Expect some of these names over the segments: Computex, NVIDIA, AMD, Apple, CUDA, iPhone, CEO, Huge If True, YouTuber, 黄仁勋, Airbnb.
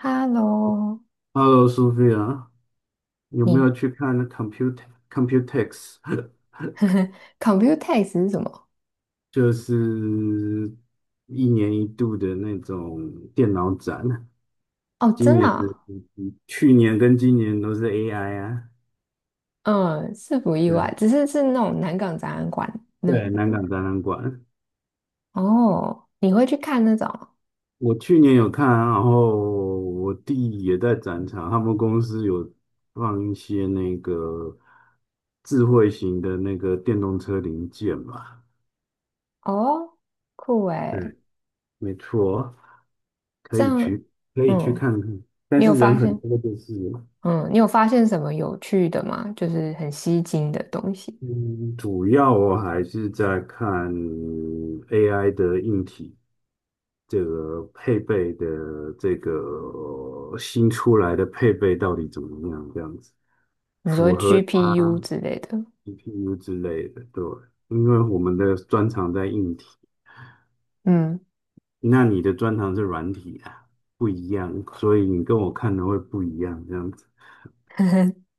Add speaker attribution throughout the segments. Speaker 1: Hello，
Speaker 2: Hello, SOP， 有没
Speaker 1: 你
Speaker 2: 有去看 Computex？
Speaker 1: Computex r t e 是什么？
Speaker 2: 就是一年一度的那种电脑展，
Speaker 1: 哦，
Speaker 2: 今
Speaker 1: 真的
Speaker 2: 年的、
Speaker 1: 啊。
Speaker 2: 去年跟今年都是 AI 啊。
Speaker 1: 嗯，是不意外，
Speaker 2: 对
Speaker 1: 只是是那种南港展览馆。那
Speaker 2: 对，南港展览馆，
Speaker 1: 哦，你会去看那种？
Speaker 2: 我去年有看啊，然后我弟也在展场，他们公司有放一些那个智慧型的那个电动车零件吧。
Speaker 1: 哦，酷诶，
Speaker 2: 对，没错。可
Speaker 1: 这
Speaker 2: 以
Speaker 1: 样。
Speaker 2: 去，可以去
Speaker 1: 嗯，
Speaker 2: 看看，但
Speaker 1: 你有
Speaker 2: 是人
Speaker 1: 发
Speaker 2: 很
Speaker 1: 现，
Speaker 2: 多就是了。
Speaker 1: 嗯，你有发现什么有趣的吗？就是很吸睛的东西，
Speaker 2: 嗯，主要我还是在看 AI 的硬体，这个配备的这个新出来的配备到底怎么样，这样子。
Speaker 1: 你说
Speaker 2: 符合
Speaker 1: GPU 之类的？
Speaker 2: GPU 之类的，对，因为我们的专长在硬体，
Speaker 1: 嗯，
Speaker 2: 那你的专长是软体啊，不一样，所以你跟我看的会不一样，这样子。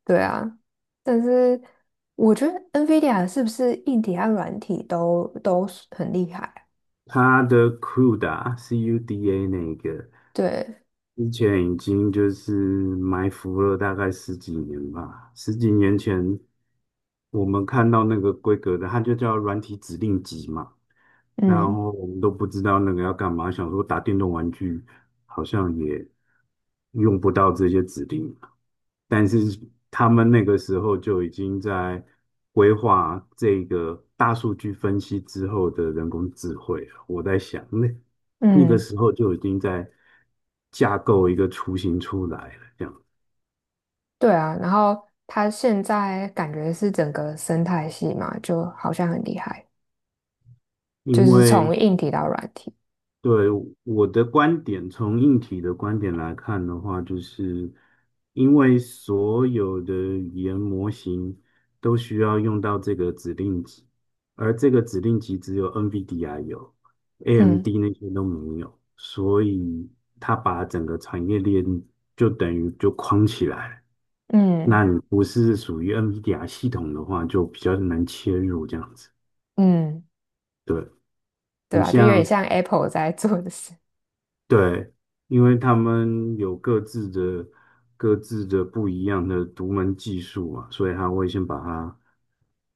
Speaker 1: 对啊，但是我觉得 NVIDIA 是不是硬体和软体都是很厉害啊？
Speaker 2: 它的 CUDA 那个。
Speaker 1: 对，
Speaker 2: 之前已经就是埋伏了大概十几年吧，十几年前我们看到那个规格的，它就叫软体指令集嘛，然
Speaker 1: 嗯
Speaker 2: 后我们都不知道那个要干嘛，想说打电动玩具好像也用不到这些指令，但是他们那个时候就已经在规划这个大数据分析之后的人工智慧了。我在想，那个
Speaker 1: 嗯，
Speaker 2: 时候就已经在架构一个雏形出来了，这样。
Speaker 1: 对啊，然后它现在感觉是整个生态系嘛，就好像很厉害，就
Speaker 2: 因
Speaker 1: 是
Speaker 2: 为
Speaker 1: 从硬体到软体，
Speaker 2: 对，我的观点，从硬体的观点来看的话，就是因为所有的语言模型都需要用到这个指令集，而这个指令集只有 NVIDIA 有
Speaker 1: 嗯
Speaker 2: ，AMD 那些都没有，所以它把整个产业链就等于就框起来了。那
Speaker 1: 嗯
Speaker 2: 你不是属于 NVIDIA 系统的话，就比较难切入这样子。
Speaker 1: 嗯，
Speaker 2: 对，
Speaker 1: 对
Speaker 2: 你
Speaker 1: 啊，就有点
Speaker 2: 像
Speaker 1: 像 Apple 在做的事，
Speaker 2: 对，因为他们有各自的不一样的独门技术嘛，所以他会先把它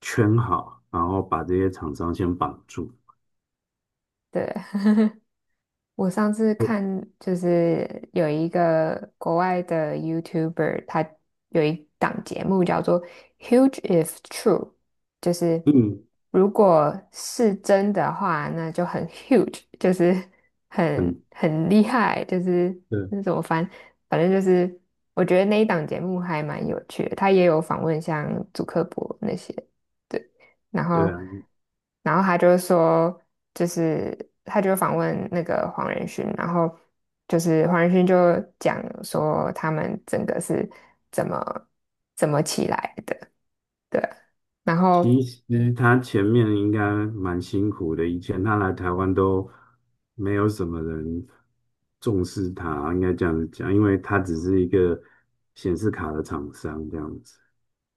Speaker 2: 圈好，然后把这些厂商先绑住。
Speaker 1: 对。我上次看就是有一个国外的 YouTuber，他有一档节目叫做《Huge If True》，就是
Speaker 2: 嗯
Speaker 1: 如果是真的话，那就很 huge，就是很
Speaker 2: 嗯，
Speaker 1: 很厉害，就是
Speaker 2: 对，
Speaker 1: 那怎么翻，反正就是我觉得那一档节目还蛮有趣的，他也有访问像祖克伯那些。对。然
Speaker 2: 对
Speaker 1: 后，
Speaker 2: 啊，
Speaker 1: 然后他就说，就是他就访问那个黄仁勋，然后就是黄仁勋就讲说他们整个是怎么怎么起来的，对，然后。
Speaker 2: 其实他前面应该蛮辛苦的，以前他来台湾都没有什么人重视他，应该这样子讲，因为他只是一个显示卡的厂商这样子。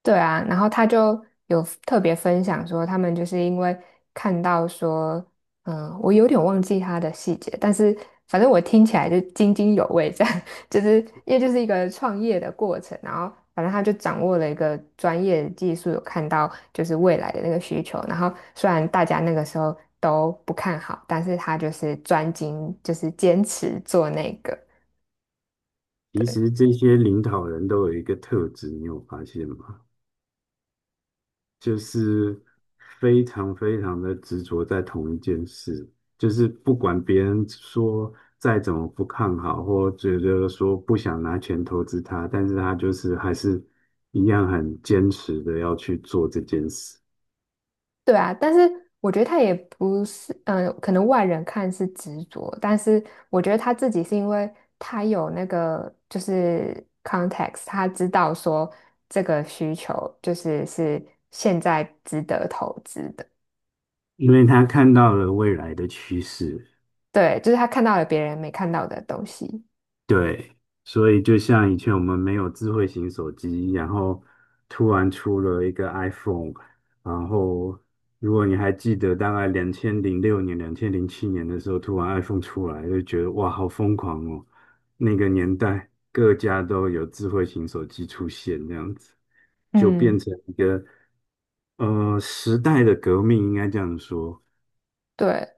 Speaker 1: 对啊，然后他就有特别分享说，他们就是因为看到说，嗯，我有点忘记他的细节，但是反正我听起来就津津有味，这样 就是因为就是一个创业的过程，然后反正他就掌握了一个专业技术，有看到就是未来的那个需求，然后虽然大家那个时候都不看好，但是他就是专精，就是坚持做那个。
Speaker 2: 其实这些领导人都有一个特质，你有发现吗？就是非常非常的执着在同一件事，就是不管别人说再怎么不看好，或觉得说不想拿钱投资他，但是他就是还是一样很坚持的要去做这件事，
Speaker 1: 对啊，但是我觉得他也不是，嗯、可能外人看是执着，但是我觉得他自己是因为他有那个就是 context，他知道说这个需求就是是现在值得投资的，
Speaker 2: 因为他看到了未来的趋势。
Speaker 1: 对，就是他看到了别人没看到的东西，
Speaker 2: 对，所以就像以前我们没有智慧型手机，然后突然出了一个 iPhone，然后如果你还记得，大概2006年、2007年的时候，突然 iPhone 出来，就觉得哇，好疯狂哦！那个年代，各家都有智慧型手机出现，这样子就变
Speaker 1: 嗯，
Speaker 2: 成一个时代的革命，应该这样说。
Speaker 1: 对，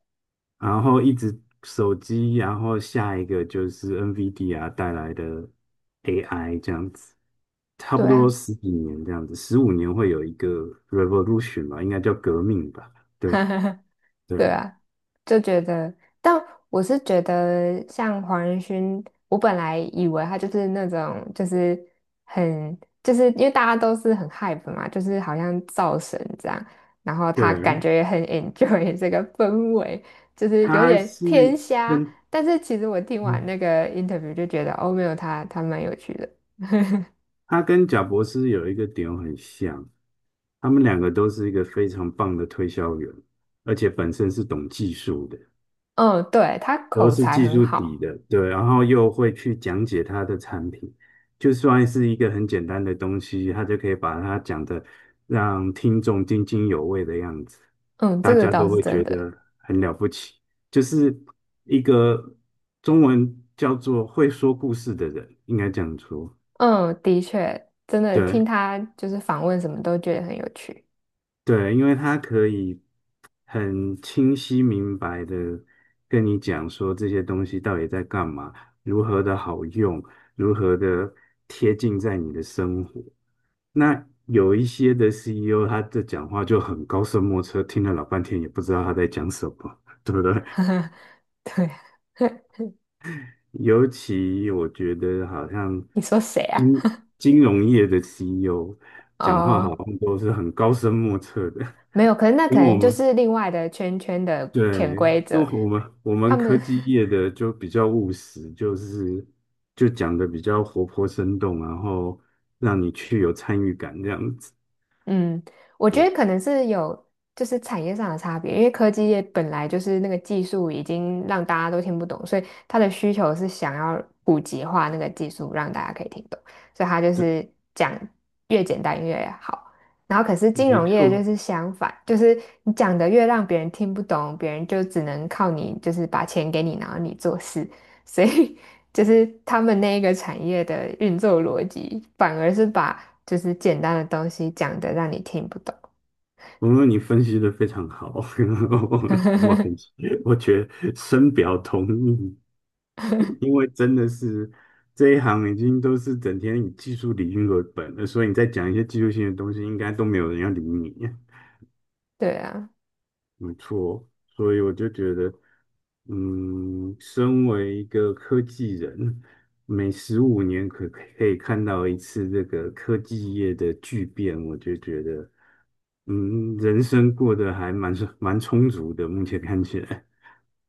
Speaker 2: 然后一直手机，然后下一个就是 NVIDIA 带来的 AI 这样子，差不
Speaker 1: 对
Speaker 2: 多
Speaker 1: 啊，
Speaker 2: 十几年这样子，十五年会有一个 revolution 吧，应该叫革命吧？对
Speaker 1: 对
Speaker 2: 对
Speaker 1: 啊，就觉得，但我是觉得像黄仁勋，我本来以为他就是那种，就是很，就是因为大家都是很 hype 嘛，就是好像造神这样，然后他感
Speaker 2: 对，
Speaker 1: 觉也很 enjoy 这个氛围，就是有
Speaker 2: 它
Speaker 1: 点偏
Speaker 2: 是
Speaker 1: 瞎。
Speaker 2: 跟
Speaker 1: 但是其实我听完
Speaker 2: 嗯，
Speaker 1: 那个 interview 就觉得，哦，没有他，他蛮有趣的。
Speaker 2: 它跟贾博士有一个点很像，他们两个都是一个非常棒的推销员，而且本身是懂技术的。
Speaker 1: 嗯，对，他
Speaker 2: 都
Speaker 1: 口
Speaker 2: 是
Speaker 1: 才
Speaker 2: 技
Speaker 1: 很
Speaker 2: 术底
Speaker 1: 好，
Speaker 2: 的，对，然后又会去讲解他的产品，就算是一个很简单的东西，他就可以把它讲的让听众津津有味的样子，
Speaker 1: 嗯，这
Speaker 2: 大
Speaker 1: 个
Speaker 2: 家
Speaker 1: 倒
Speaker 2: 都
Speaker 1: 是
Speaker 2: 会
Speaker 1: 真
Speaker 2: 觉
Speaker 1: 的。
Speaker 2: 得很了不起，就是一个中文叫做会说故事的人，应该这样说，
Speaker 1: 嗯，的确，真的
Speaker 2: 对，
Speaker 1: 听他就是访问什么都觉得很有趣。
Speaker 2: 对，因为他可以很清晰明白的跟你讲说这些东西到底在干嘛，如何的好用，如何的贴近在你的生活。那有一些的 CEO，他的讲话就很高深莫测，听了老半天也不知道他在讲什么，对不对？
Speaker 1: 对啊，
Speaker 2: 尤其我觉得好像
Speaker 1: 你说谁啊？
Speaker 2: 金金融业的 CEO 讲话好
Speaker 1: 哦，
Speaker 2: 像都是很高深莫测的，
Speaker 1: 没有，可是那
Speaker 2: 跟
Speaker 1: 可
Speaker 2: 我
Speaker 1: 能就
Speaker 2: 们
Speaker 1: 是另外的圈圈的潜
Speaker 2: 对，
Speaker 1: 规
Speaker 2: 那
Speaker 1: 则，
Speaker 2: 我们我
Speaker 1: 他
Speaker 2: 们科
Speaker 1: 们
Speaker 2: 技业的就比较务实，就是就讲的比较活泼生动，然后让你去有参与感这样子。
Speaker 1: 嗯，我觉
Speaker 2: 呃，
Speaker 1: 得可能是有就是产业上的差别，因为科技业本来就是那个技术已经让大家都听不懂，所以它的需求是想要普及化那个技术，让大家可以听懂，所以它就
Speaker 2: 对，
Speaker 1: 是讲越简单越好。然后可是金
Speaker 2: 没
Speaker 1: 融业就
Speaker 2: 错，
Speaker 1: 是相反，就是你讲的越让别人听不懂，别人就只能靠你，就是把钱给你，然后你做事，所以 就是他们那一个产业的运作逻辑，反而是把就是简单的东西讲的让你听不懂。
Speaker 2: 我说你分析的非常好，我我很我觉得深表同意，因为真的是这一行已经都是整天以技术理论为本了，所以你再讲一些技术性的东西，应该都没有人要理你。
Speaker 1: 对啊，
Speaker 2: 没错，所以我就觉得。嗯，身为一个科技人，每十五年可以看到一次这个科技业的巨变，我就觉得，嗯，人生过得还蛮充足的，目前看起来。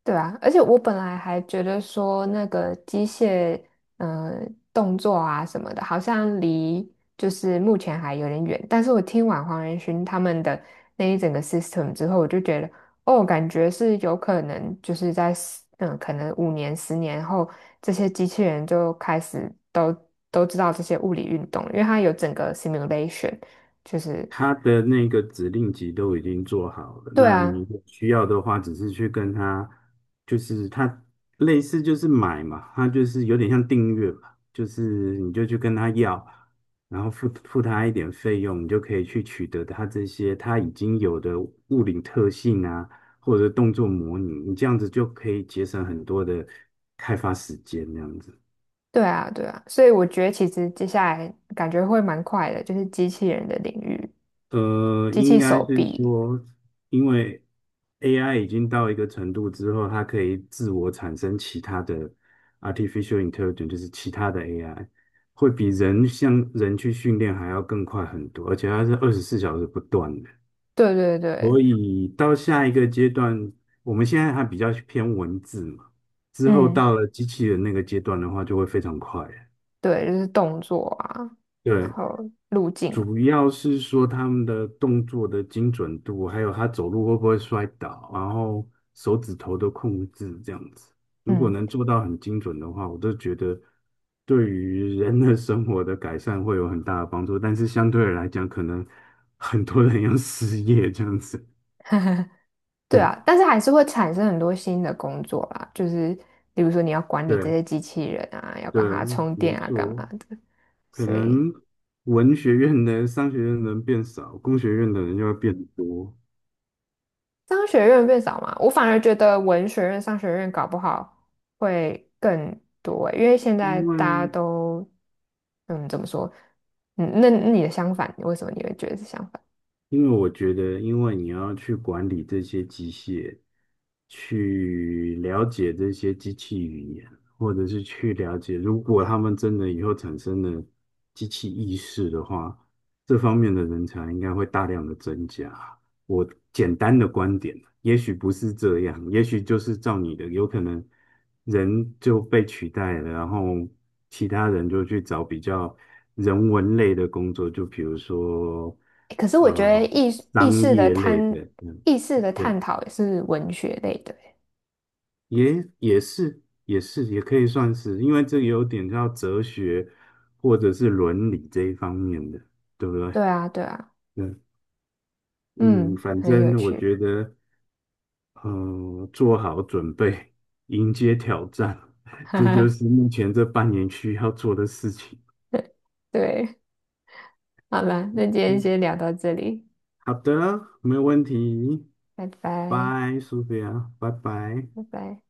Speaker 1: 对啊，而且我本来还觉得说那个机械，呃，动作啊什么的，好像离就是目前还有点远。但是我听完黄仁勋他们的那一整个 system 之后，我就觉得，哦，感觉是有可能就是在十嗯，可能五年、十年后，这些机器人就开始都都知道这些物理运动，因为它有整个 simulation，就是
Speaker 2: 他的那个指令集都已经做好了，
Speaker 1: 对
Speaker 2: 那你
Speaker 1: 啊，
Speaker 2: 有需要的话，只是去跟他，就是他类似就是买嘛，他就是有点像订阅吧，就是你就去跟他要，然后付他一点费用，你就可以去取得他这些他已经有的物理特性啊，或者动作模拟，你这样子就可以节省很多的开发时间，这样子。
Speaker 1: 对啊，对啊，所以我觉得其实接下来感觉会蛮快的，就是机器人的领域，机
Speaker 2: 应
Speaker 1: 器
Speaker 2: 该
Speaker 1: 手
Speaker 2: 是
Speaker 1: 臂，
Speaker 2: 说，因为 AI 已经到一个程度之后，它可以自我产生其他的 artificial intelligence，就是其他的 AI，会比人像人去训练还要更快很多，而且它是24小时不断的。
Speaker 1: 对对对，
Speaker 2: 所以到下一个阶段，我们现在还比较偏文字嘛，之后
Speaker 1: 嗯，
Speaker 2: 到了机器人那个阶段的话，就会非常快了。
Speaker 1: 对，就是动作啊，然
Speaker 2: 对，
Speaker 1: 后路径，
Speaker 2: 主要是说他们的动作的精准度，还有他走路会不会摔倒，然后手指头的控制这样子。如果
Speaker 1: 嗯，
Speaker 2: 能做到很精准的话，我都觉得对于人的生活的改善会有很大的帮助。但是相对的来讲，可能很多人要失业这样子。
Speaker 1: 对
Speaker 2: 对
Speaker 1: 啊，但是还是会产生很多新的工作啦，就是比如说你要管理这
Speaker 2: 对
Speaker 1: 些机器人啊，要
Speaker 2: 对，
Speaker 1: 帮它充
Speaker 2: 没
Speaker 1: 电啊，干嘛
Speaker 2: 错，
Speaker 1: 的，
Speaker 2: 可
Speaker 1: 所以
Speaker 2: 能文学院的商学院的人变少，工学院的人就会变多，
Speaker 1: 商学院变少嘛，我反而觉得文学院、商学院搞不好会更多欸因为现在
Speaker 2: 因
Speaker 1: 大家
Speaker 2: 为
Speaker 1: 都，嗯，怎么说？嗯，那那你的相反，为什么你会觉得是相反？
Speaker 2: 因为我觉得，因为你要去管理这些机械，去了解这些机器语言，或者是去了解，如果他们真的以后产生了机器意识的话，这方面的人才应该会大量的增加。我简单的观点，也许不是这样，也许就是照你的，有可能人就被取代了，然后其他人就去找比较人文类的工作，就比如说
Speaker 1: 欸可是我觉得
Speaker 2: 呃
Speaker 1: 意识意
Speaker 2: 商
Speaker 1: 识的
Speaker 2: 业类
Speaker 1: 探
Speaker 2: 的，嗯，对，
Speaker 1: 讨也是文学类的欸，
Speaker 2: 也是也可以算是，因为这有点叫哲学或者是伦理这一方面的，对不对？
Speaker 1: 对啊，对啊，
Speaker 2: 嗯嗯，
Speaker 1: 嗯，
Speaker 2: 反
Speaker 1: 很有
Speaker 2: 正我
Speaker 1: 趣，
Speaker 2: 觉得。嗯，做好准备，迎接挑战，
Speaker 1: 哈
Speaker 2: 这就
Speaker 1: 哈，
Speaker 2: 是目前这半年需要做的事情。
Speaker 1: 对，好了，那今天
Speaker 2: 嗯，
Speaker 1: 先聊到这里，
Speaker 2: 好的，没有问题。
Speaker 1: 拜拜，
Speaker 2: 拜，苏菲亚，拜拜。
Speaker 1: 拜拜。